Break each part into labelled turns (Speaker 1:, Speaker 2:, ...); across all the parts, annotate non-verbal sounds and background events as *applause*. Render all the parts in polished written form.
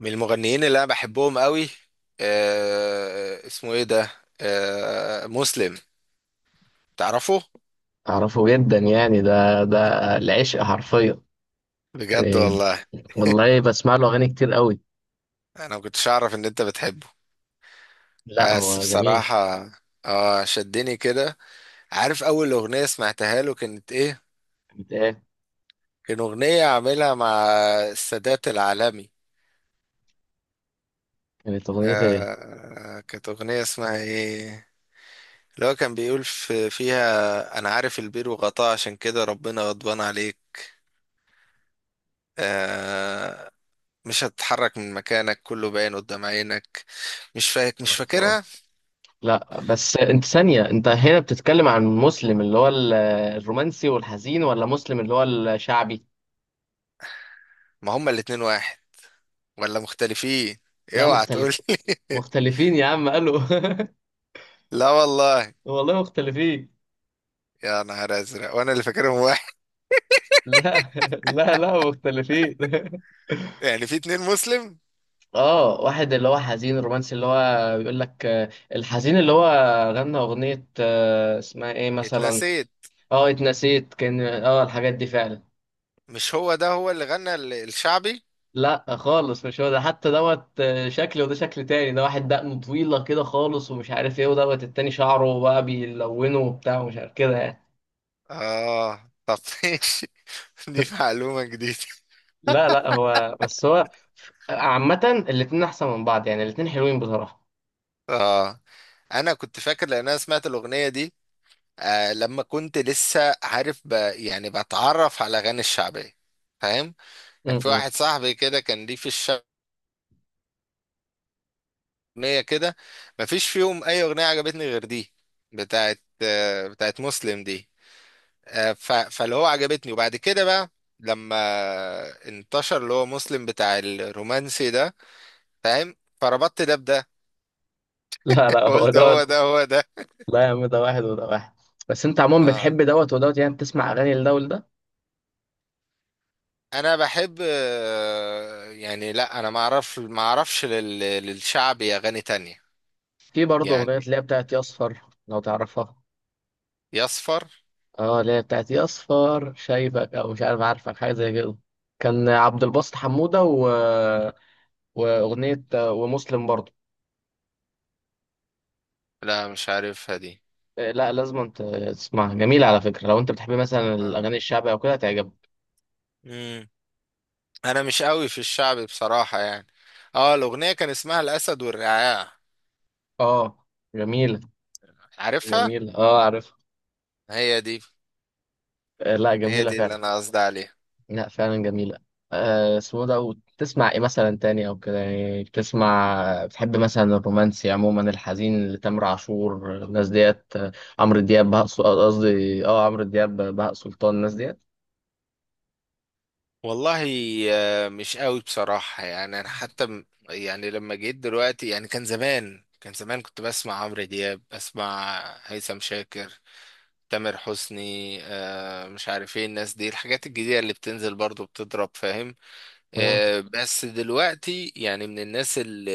Speaker 1: من المغنيين اللي انا بحبهم قوي. اسمه ايه ده؟ آه، مسلم. تعرفه؟
Speaker 2: أعرفه جدا، يعني ده العشق حرفيا.
Speaker 1: بجد،
Speaker 2: يعني
Speaker 1: والله.
Speaker 2: والله، بسمع له أغاني كتير قوي.
Speaker 1: انا ما كنتش اعرف ان انت بتحبه.
Speaker 2: لا،
Speaker 1: بس
Speaker 2: هو جميل.
Speaker 1: بصراحة، اه شدني كده. عارف اول اغنية سمعتها له كانت ايه؟
Speaker 2: كانت إيه؟
Speaker 1: كان اغنية عاملها مع السادات العالمي.
Speaker 2: كانت أغنية إيه؟
Speaker 1: كانت اغنية اسمها ايه اللي هو كان بيقول في فيها انا عارف البير وغطاه، عشان كده ربنا غضبان عليك. آه. مش هتتحرك من مكانك، كله باين قدام عينك. مش
Speaker 2: معرفة، آه.
Speaker 1: فاكرها.
Speaker 2: لا بس أنت ثانية، أنت هنا بتتكلم عن مسلم اللي هو الرومانسي والحزين، ولا مسلم اللي هو الشعبي؟
Speaker 1: ما هما الاتنين واحد ولا مختلفين؟
Speaker 2: لا،
Speaker 1: اوعى تقول
Speaker 2: مختلف.
Speaker 1: لي. *laughs*
Speaker 2: مختلفين يا عم، قالوا *laughs*
Speaker 1: لا والله.
Speaker 2: والله مختلفين.
Speaker 1: يا نهار ازرق وانا اللي فاكرهم واحد.
Speaker 2: لا لا لا، مختلفين *laughs*
Speaker 1: *laughs* يعني في اتنين مسلم؟
Speaker 2: اه، واحد اللي هو حزين رومانسي اللي هو بيقول لك، الحزين اللي هو غنى اغنية، اسمها ايه مثلا؟
Speaker 1: اتنسيت.
Speaker 2: اه اتنسيت، كان الحاجات دي فعلا.
Speaker 1: مش هو ده هو اللي غنى الشعبي؟
Speaker 2: لا خالص، مش هو ده، حتى دوت شكل وده شكل تاني، ده واحد دقنه طويلة كده خالص ومش عارف ايه، ودوت التاني شعره بقى بيلونه وبتاع ومش عارف كده يعني.
Speaker 1: اه طب، *laughs* ماشي. دي معلومة جديدة.
Speaker 2: لا لا، هو بس هو عامة الاتنين احسن من بعض، يعني الاتنين حلوين بصراحة.
Speaker 1: اه، انا كنت فاكر لان انا سمعت الاغنية دي لما كنت لسه عارف يعني بتعرف على اغاني الشعبية، فاهم.
Speaker 2: م-
Speaker 1: كان في واحد
Speaker 2: م.
Speaker 1: صاحبي كده كان ليه في الشعب أغنية كده، مفيش فيهم أي أغنية عجبتني غير دي. بتاعت بتاعت مسلم دي. فاللي هو عجبتني، وبعد كده بقى لما انتشر اللي هو مسلم بتاع الرومانسي ده، فاهم، فربطت ده بده.
Speaker 2: لا
Speaker 1: *laughs*
Speaker 2: لا، هو
Speaker 1: قلت
Speaker 2: ده.
Speaker 1: هو ده هو ده.
Speaker 2: لا يا عم، ده واحد وده واحد. بس انت عموما
Speaker 1: اه
Speaker 2: بتحب دوت ودوت، يعني بتسمع اغاني لدول ده.
Speaker 1: انا بحب، يعني لا انا ما اعرفش للشعبي اغاني تانية
Speaker 2: في برضه اغنيه
Speaker 1: يعني.
Speaker 2: اللي هي بتاعت يا اصفر، لو تعرفها.
Speaker 1: يصفر.
Speaker 2: اه، اللي هي بتاعت يا اصفر شايفك، او مش عارف عارفك، حاجه زي كده. كان عبد الباسط حموده واغنيه ومسلم برضه.
Speaker 1: لا مش عارفها دي.
Speaker 2: آه، لا لازم انت تسمعها، جميله على فكره، لو انت بتحب مثلا الاغاني الشعبيه او كده هتعجبك.
Speaker 1: اه انا مش قوي في الشعبي بصراحة يعني. اه الاغنية كان اسمها الاسد والرعاع.
Speaker 2: اه جميله.
Speaker 1: عارفها.
Speaker 2: جميله، اه عارف.
Speaker 1: هي دي.
Speaker 2: آه، لا
Speaker 1: هي
Speaker 2: جميله
Speaker 1: دي اللي
Speaker 2: فعلا.
Speaker 1: انا قصدي عليها.
Speaker 2: لا فعلا جميلة. آه، اسمه ده، وتسمع ايه مثلا تاني او كده يعني، بتسمع بتحب مثلا الرومانسي عموما الحزين لتامر عاشور الناس ديت، عمرو دياب بهاء سل- آه، قصدي اه عمرو دياب بهاء سلطان الناس ديت.
Speaker 1: والله، مش قوي بصراحة يعني. انا حتى يعني لما جيت دلوقتي يعني، كان زمان كنت بسمع عمرو دياب، بسمع هيثم شاكر، تامر حسني، مش عارف ايه الناس دي. الحاجات الجديدة اللي بتنزل برضو بتضرب، فاهم.
Speaker 2: مم.
Speaker 1: بس دلوقتي يعني من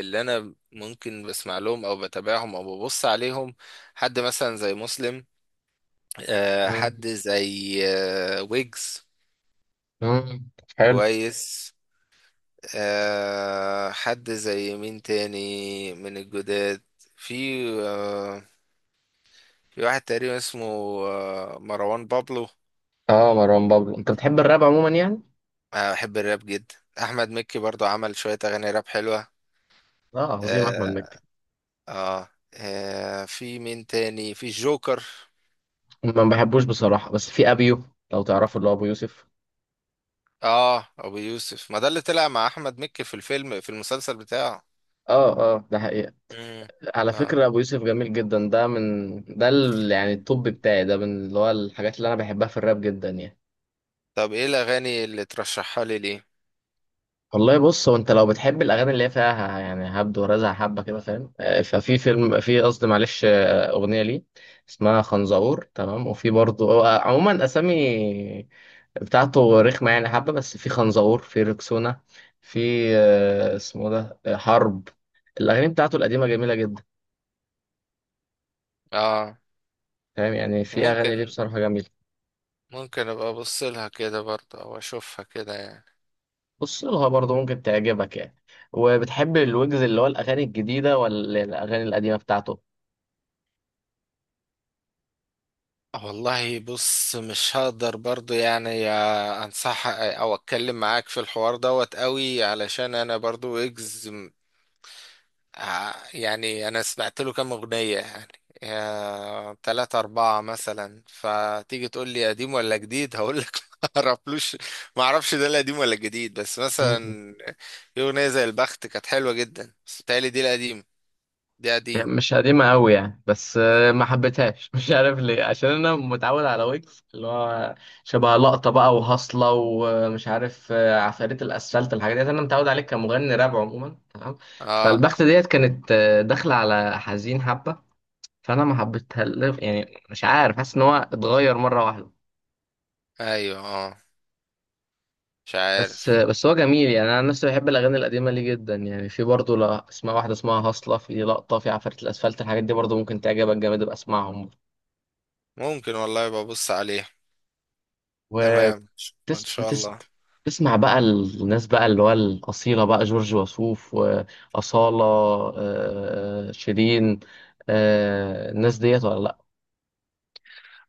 Speaker 1: اللي انا ممكن بسمع لهم او بتابعهم او ببص عليهم حد مثلا زي مسلم،
Speaker 2: مم.
Speaker 1: حد زي ويجز.
Speaker 2: مم. حلو.
Speaker 1: كويس. حد زي مين تاني من الجداد؟ في، آه، في واحد تقريبا اسمه مروان بابلو.
Speaker 2: اه مروان بابلو، انت بتحب الراب عموما يعني؟
Speaker 1: أنا بحب الراب جدا. احمد مكي برضو عمل شوية اغاني راب حلوة.
Speaker 2: اه، عظيم احمد
Speaker 1: آه.
Speaker 2: مكي.
Speaker 1: اه. في مين تاني؟ في الجوكر.
Speaker 2: ما بحبوش بصراحة، بس في ابيو، لو تعرفوا اللي هو ابو يوسف.
Speaker 1: اه ابو يوسف. ما ده اللي طلع مع احمد مكي في الفيلم، في المسلسل بتاعه.
Speaker 2: اه اه، ده حقيقة.
Speaker 1: مم.
Speaker 2: على
Speaker 1: اه
Speaker 2: فكرة، أبو يوسف جميل جدا، ده من ده يعني الطب بتاعي ده من اللي هو الحاجات اللي أنا بحبها في الراب جدا يعني.
Speaker 1: طب ايه الاغاني اللي ترشحها لي ليه؟
Speaker 2: والله بص، هو أنت لو بتحب الأغاني اللي هي فيها يعني هبد ورزع حبة كده فاهم، ففي فيلم، في قصدي معلش، أغنية ليه اسمها خنزقور، تمام. وفي برضه هو عموما أسامي بتاعته رخمة يعني حبة، بس في خنزقور، في ركسونا، في، اسمه ده، حرب. الأغاني بتاعته القديمة جميلة جدا،
Speaker 1: اه
Speaker 2: فاهم، يعني في أغاني ليه
Speaker 1: ممكن
Speaker 2: بصراحة جميلة.
Speaker 1: ممكن ابقى ابص لها كده برضه او اشوفها كده يعني.
Speaker 2: بص لها برضه ممكن تعجبك يعني. وبتحب الويجز، اللي هو الأغاني الجديدة ولا الأغاني القديمة بتاعته؟
Speaker 1: والله بص مش هقدر برضه يعني يا انصح او اتكلم معاك في الحوار دوت قوي، علشان انا برضه اجز. يعني انا سمعت له كام اغنيه يعني، يا تلاتة أربعة مثلا، فتيجي تقول لي قديم ولا جديد هقول لك *laughs* ما اعرفلوش. ما اعرفش ده القديم ولا الجديد. بس
Speaker 2: م- م.
Speaker 1: مثلا في أغنية زي البخت كانت حلوة جدا، بس بتهيألي دي القديم. دي قديم.
Speaker 2: يعني مش قديمة أوي يعني، بس ما حبيتهاش *laughs* مش عارف ليه، عشان أنا متعود على ويجز اللي هو شبه لقطة بقى وهصلة ومش عارف، عفاريت الأسفلت، الحاجات ديت أنا متعود عليه كمغني راب عموما، تمام.
Speaker 1: اه
Speaker 2: فالبخت ديت كانت داخلة على حزين حبة، فأنا ما حبيتها، يعني مش عارف، حاسس إن هو اتغير مرة واحدة.
Speaker 1: ايوه اه. مش
Speaker 2: بس
Speaker 1: عارف.
Speaker 2: بس هو جميل يعني. انا عن نفسي بحب الاغاني القديمه ليه جدا، يعني في برضه، لا، اسمها واحده اسمها هصله، في لقطه، في عفارة الاسفلت، الحاجات دي برضه ممكن تعجبك جامد، ابقى اسمعهم.
Speaker 1: ممكن، والله، ببص عليه. تمام، ان
Speaker 2: وبتس
Speaker 1: شاء
Speaker 2: بتس...
Speaker 1: الله.
Speaker 2: تسمع بقى الناس بقى اللي هو الاصيله بقى، جورج وسوف واصاله، شيرين، الناس ديت ولا لا؟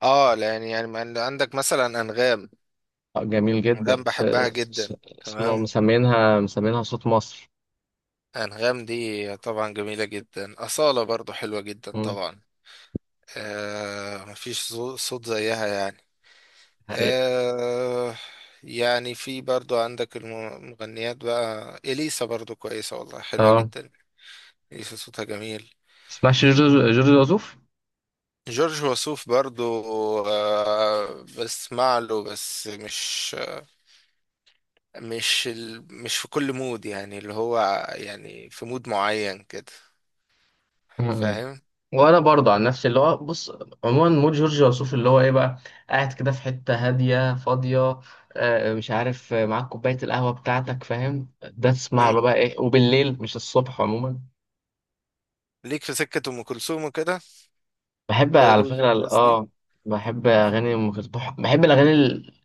Speaker 1: اه لان يعني ما عند- عندك مثلا انغام.
Speaker 2: آه، جميل جدا،
Speaker 1: انغام بحبها
Speaker 2: س...
Speaker 1: جدا،
Speaker 2: اسمه
Speaker 1: تمام.
Speaker 2: مسمينها صوت مصر.
Speaker 1: أنغام دي طبعا جميلة جدا. أصالة برضو حلوة جدا
Speaker 2: مم.
Speaker 1: طبعا. آه، مفيش صوت زيها يعني.
Speaker 2: حقيقة.
Speaker 1: آه. يعني في برضو عندك المغنيات بقى، إليسا برضو كويسة والله، حلوة
Speaker 2: اه.
Speaker 1: جدا. إليسا صوتها جميل.
Speaker 2: تسمعش جورج وسوف؟
Speaker 1: جورج وسوف برضو آه بسمع له، بس مش في كل مود يعني اللي هو، يعني في مود معين كده،
Speaker 2: مم.
Speaker 1: فاهم.
Speaker 2: وانا برضه عن نفسي، اللي هو بص، عموما مود جورج وسوف اللي هو ايه بقى، قاعد كده في حته هاديه فاضيه، مش عارف، معاك كوبايه القهوه بتاعتك فاهم، ده تسمع
Speaker 1: مم.
Speaker 2: له بقى ايه وبالليل مش الصبح عموما.
Speaker 1: ليك في سكة أم كلثوم وكده،
Speaker 2: بحب على
Speaker 1: فيروز
Speaker 2: فكره
Speaker 1: والناس دي.
Speaker 2: بحب اغاني ام كلثوم. بحب الاغاني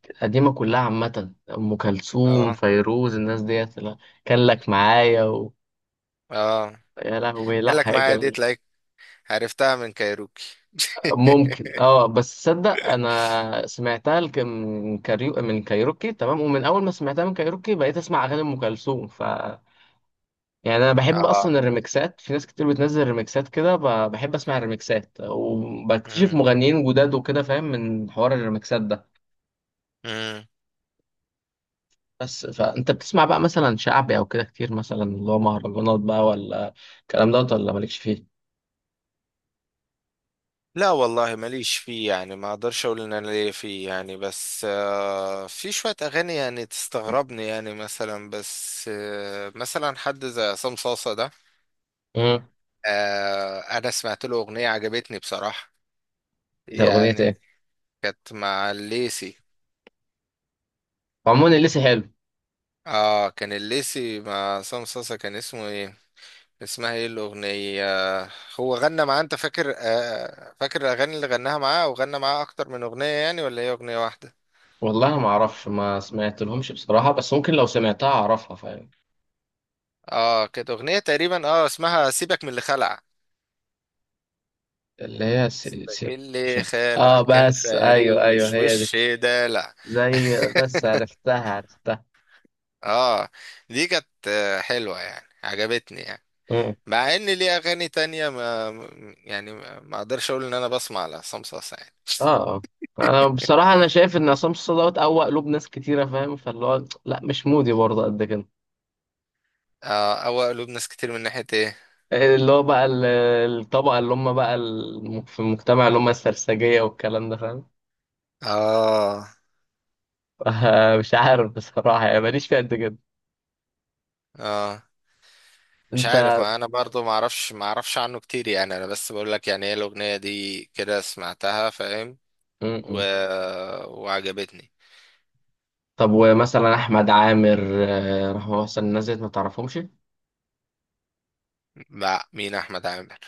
Speaker 2: القديمه كلها عامه، ام كلثوم
Speaker 1: اه.
Speaker 2: فيروز الناس ديت، لا، كان لك معايا
Speaker 1: اه.
Speaker 2: يا لهوي، لا
Speaker 1: قال لك
Speaker 2: حاجه
Speaker 1: معايا دي
Speaker 2: جميله.
Speaker 1: تلاقيك، عرفتها من كايروكي.
Speaker 2: ممكن، اه، بس تصدق انا سمعتها من كايروكي، تمام، ومن اول ما سمعتها من كايروكي بقيت اسمع اغاني ام كلثوم. يعني انا
Speaker 1: *laughs*
Speaker 2: بحب اصلا
Speaker 1: اه.
Speaker 2: الريمكسات، في ناس كتير بتنزل ريمكسات كده، بحب اسمع الريمكسات، وبكتشف
Speaker 1: مم.
Speaker 2: مغنيين جداد وكده فاهم، من حوار الريمكسات ده.
Speaker 1: مم.
Speaker 2: بس فانت بتسمع بقى مثلا شعبي او كده كتير، مثلا اللي هو مهرجانات بقى، ولا الكلام دوت، ولا مالكش فيه؟
Speaker 1: لا والله ماليش فيه يعني، ما اقدرش اقول ان انا ليا فيه يعني، بس في شوية اغاني يعني تستغربني يعني. مثلا، بس مثلا حد زي عصام صاصة ده،
Speaker 2: امم.
Speaker 1: آه انا سمعت له اغنية عجبتني بصراحة
Speaker 2: ده اغنيه
Speaker 1: يعني.
Speaker 2: ايه؟
Speaker 1: كانت مع الليسي.
Speaker 2: عموما اللي لسه حلو.
Speaker 1: اه كان الليسي مع عصام صاصة. كان اسمه ايه؟ اسمها ايه الاغنيه؟ هو غنى معاه، انت فاكر؟ فاكر الاغاني اللي غناها معاه، او غنى معاه اكتر من اغنيه يعني ولا هي اغنيه واحده؟
Speaker 2: والله ما اعرفش، ما سمعت لهمش بصراحة، بس ممكن لو سمعتها اعرفها فاهم.
Speaker 1: اه كانت اغنيه تقريبا، اه اسمها سيبك من اللي خلع.
Speaker 2: اللي هي
Speaker 1: سيبك
Speaker 2: مش
Speaker 1: اللي
Speaker 2: عارف.
Speaker 1: خلع
Speaker 2: اه،
Speaker 1: كان
Speaker 2: بس
Speaker 1: فاري
Speaker 2: ايوه ايوه،
Speaker 1: ومش
Speaker 2: هي دي.
Speaker 1: وش دلع.
Speaker 2: زي، بس عرفتها عرفتها.
Speaker 1: اه دي كانت حلوه يعني عجبتني يعني،
Speaker 2: مم.
Speaker 1: مع ان ليه اغاني تانية ما يعني، ما اقدرش اقول ان انا بسمع لعصام صاصا يعني.
Speaker 2: اه اه. انا بصراحة انا شايف ان عصام صاصا دوت اقوى قلوب ناس كتيرة فاهم، فاللي هو لا مش مودي برضه قد كده.
Speaker 1: اه. او قلوب ناس كتير من ناحيه ايه؟
Speaker 2: اللي هو بقى الطبقة اللي هم بقى في المجتمع، اللي هم السرسجية والكلام ده، فاهم.
Speaker 1: اه.
Speaker 2: *laughs* مش عارف بصراحة يعني، ماليش فيها قد كده.
Speaker 1: اه. مش
Speaker 2: انت.
Speaker 1: عارف، ما انا برضو ما اعرفش عنه كتير يعني. انا بس بقول لك يعني ايه الاغنيه دي كده سمعتها، فاهم، و... وعجبتني.
Speaker 2: طب ومثلا احمد عامر، راح مثلا الناس ديت ما تعرفهمش؟
Speaker 1: مع مين احمد عامر؟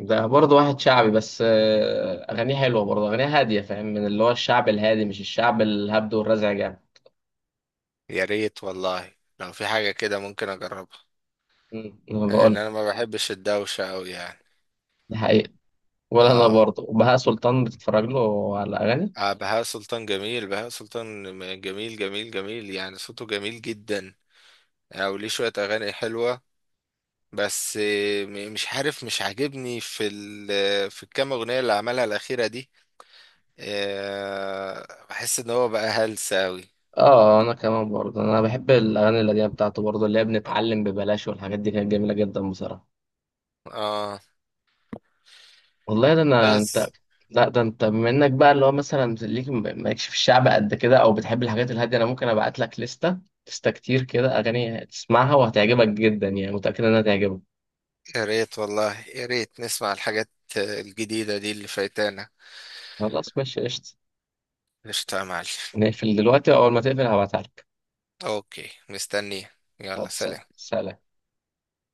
Speaker 2: ده برضه واحد شعبي، بس اغانيه حلوه برضه، اغانيه هاديه، فاهم، من اللي هو الشعب الهادي مش الشعب الهبد والرزع جامد.
Speaker 1: يا ريت والله لو في حاجه كده ممكن اجربها،
Speaker 2: انا بقول
Speaker 1: لان
Speaker 2: لك،
Speaker 1: انا ما بحبش الدوشه قوي يعني.
Speaker 2: ده حقيقي. ولا انا
Speaker 1: اه.
Speaker 2: برضه. وبهاء سلطان بتتفرج له على اغاني؟
Speaker 1: بهاء سلطان جميل. بهاء سلطان جميل جميل جميل يعني. صوته جميل جدا. وليه شويه اغاني حلوه. بس مش عارف، مش عاجبني في في الكام اغنيه اللي عملها الاخيره دي. بحس ان هو بقى هلس اوي.
Speaker 2: اه انا كمان برضه، انا بحب الاغاني القديمه بتاعته برضه، اللي هي بنتعلم ببلاش والحاجات دي كانت جميله جدا بصراحه.
Speaker 1: اه
Speaker 2: والله ده، انا انت،
Speaker 1: بس.
Speaker 2: لا ده انت بما انك بقى اللي هو مثلا ليك مالكش في الشعب قد كده، او بتحب الحاجات الهاديه، انا ممكن ابعت لك لستة كتير كده اغاني تسمعها وهتعجبك جدا، يعني متاكد انها تعجبك.
Speaker 1: يا ريت والله، يا ريت نسمع الحاجات الجديدة دي اللي فايتانا.
Speaker 2: خلاص ماشي، قشطه.
Speaker 1: قشطة يا معلم.
Speaker 2: نقفل دلوقتي، واول ما تقفل هبعتها لك.
Speaker 1: اوكي، مستنيه. يلا،
Speaker 2: خلاص،
Speaker 1: سلام.
Speaker 2: سلام.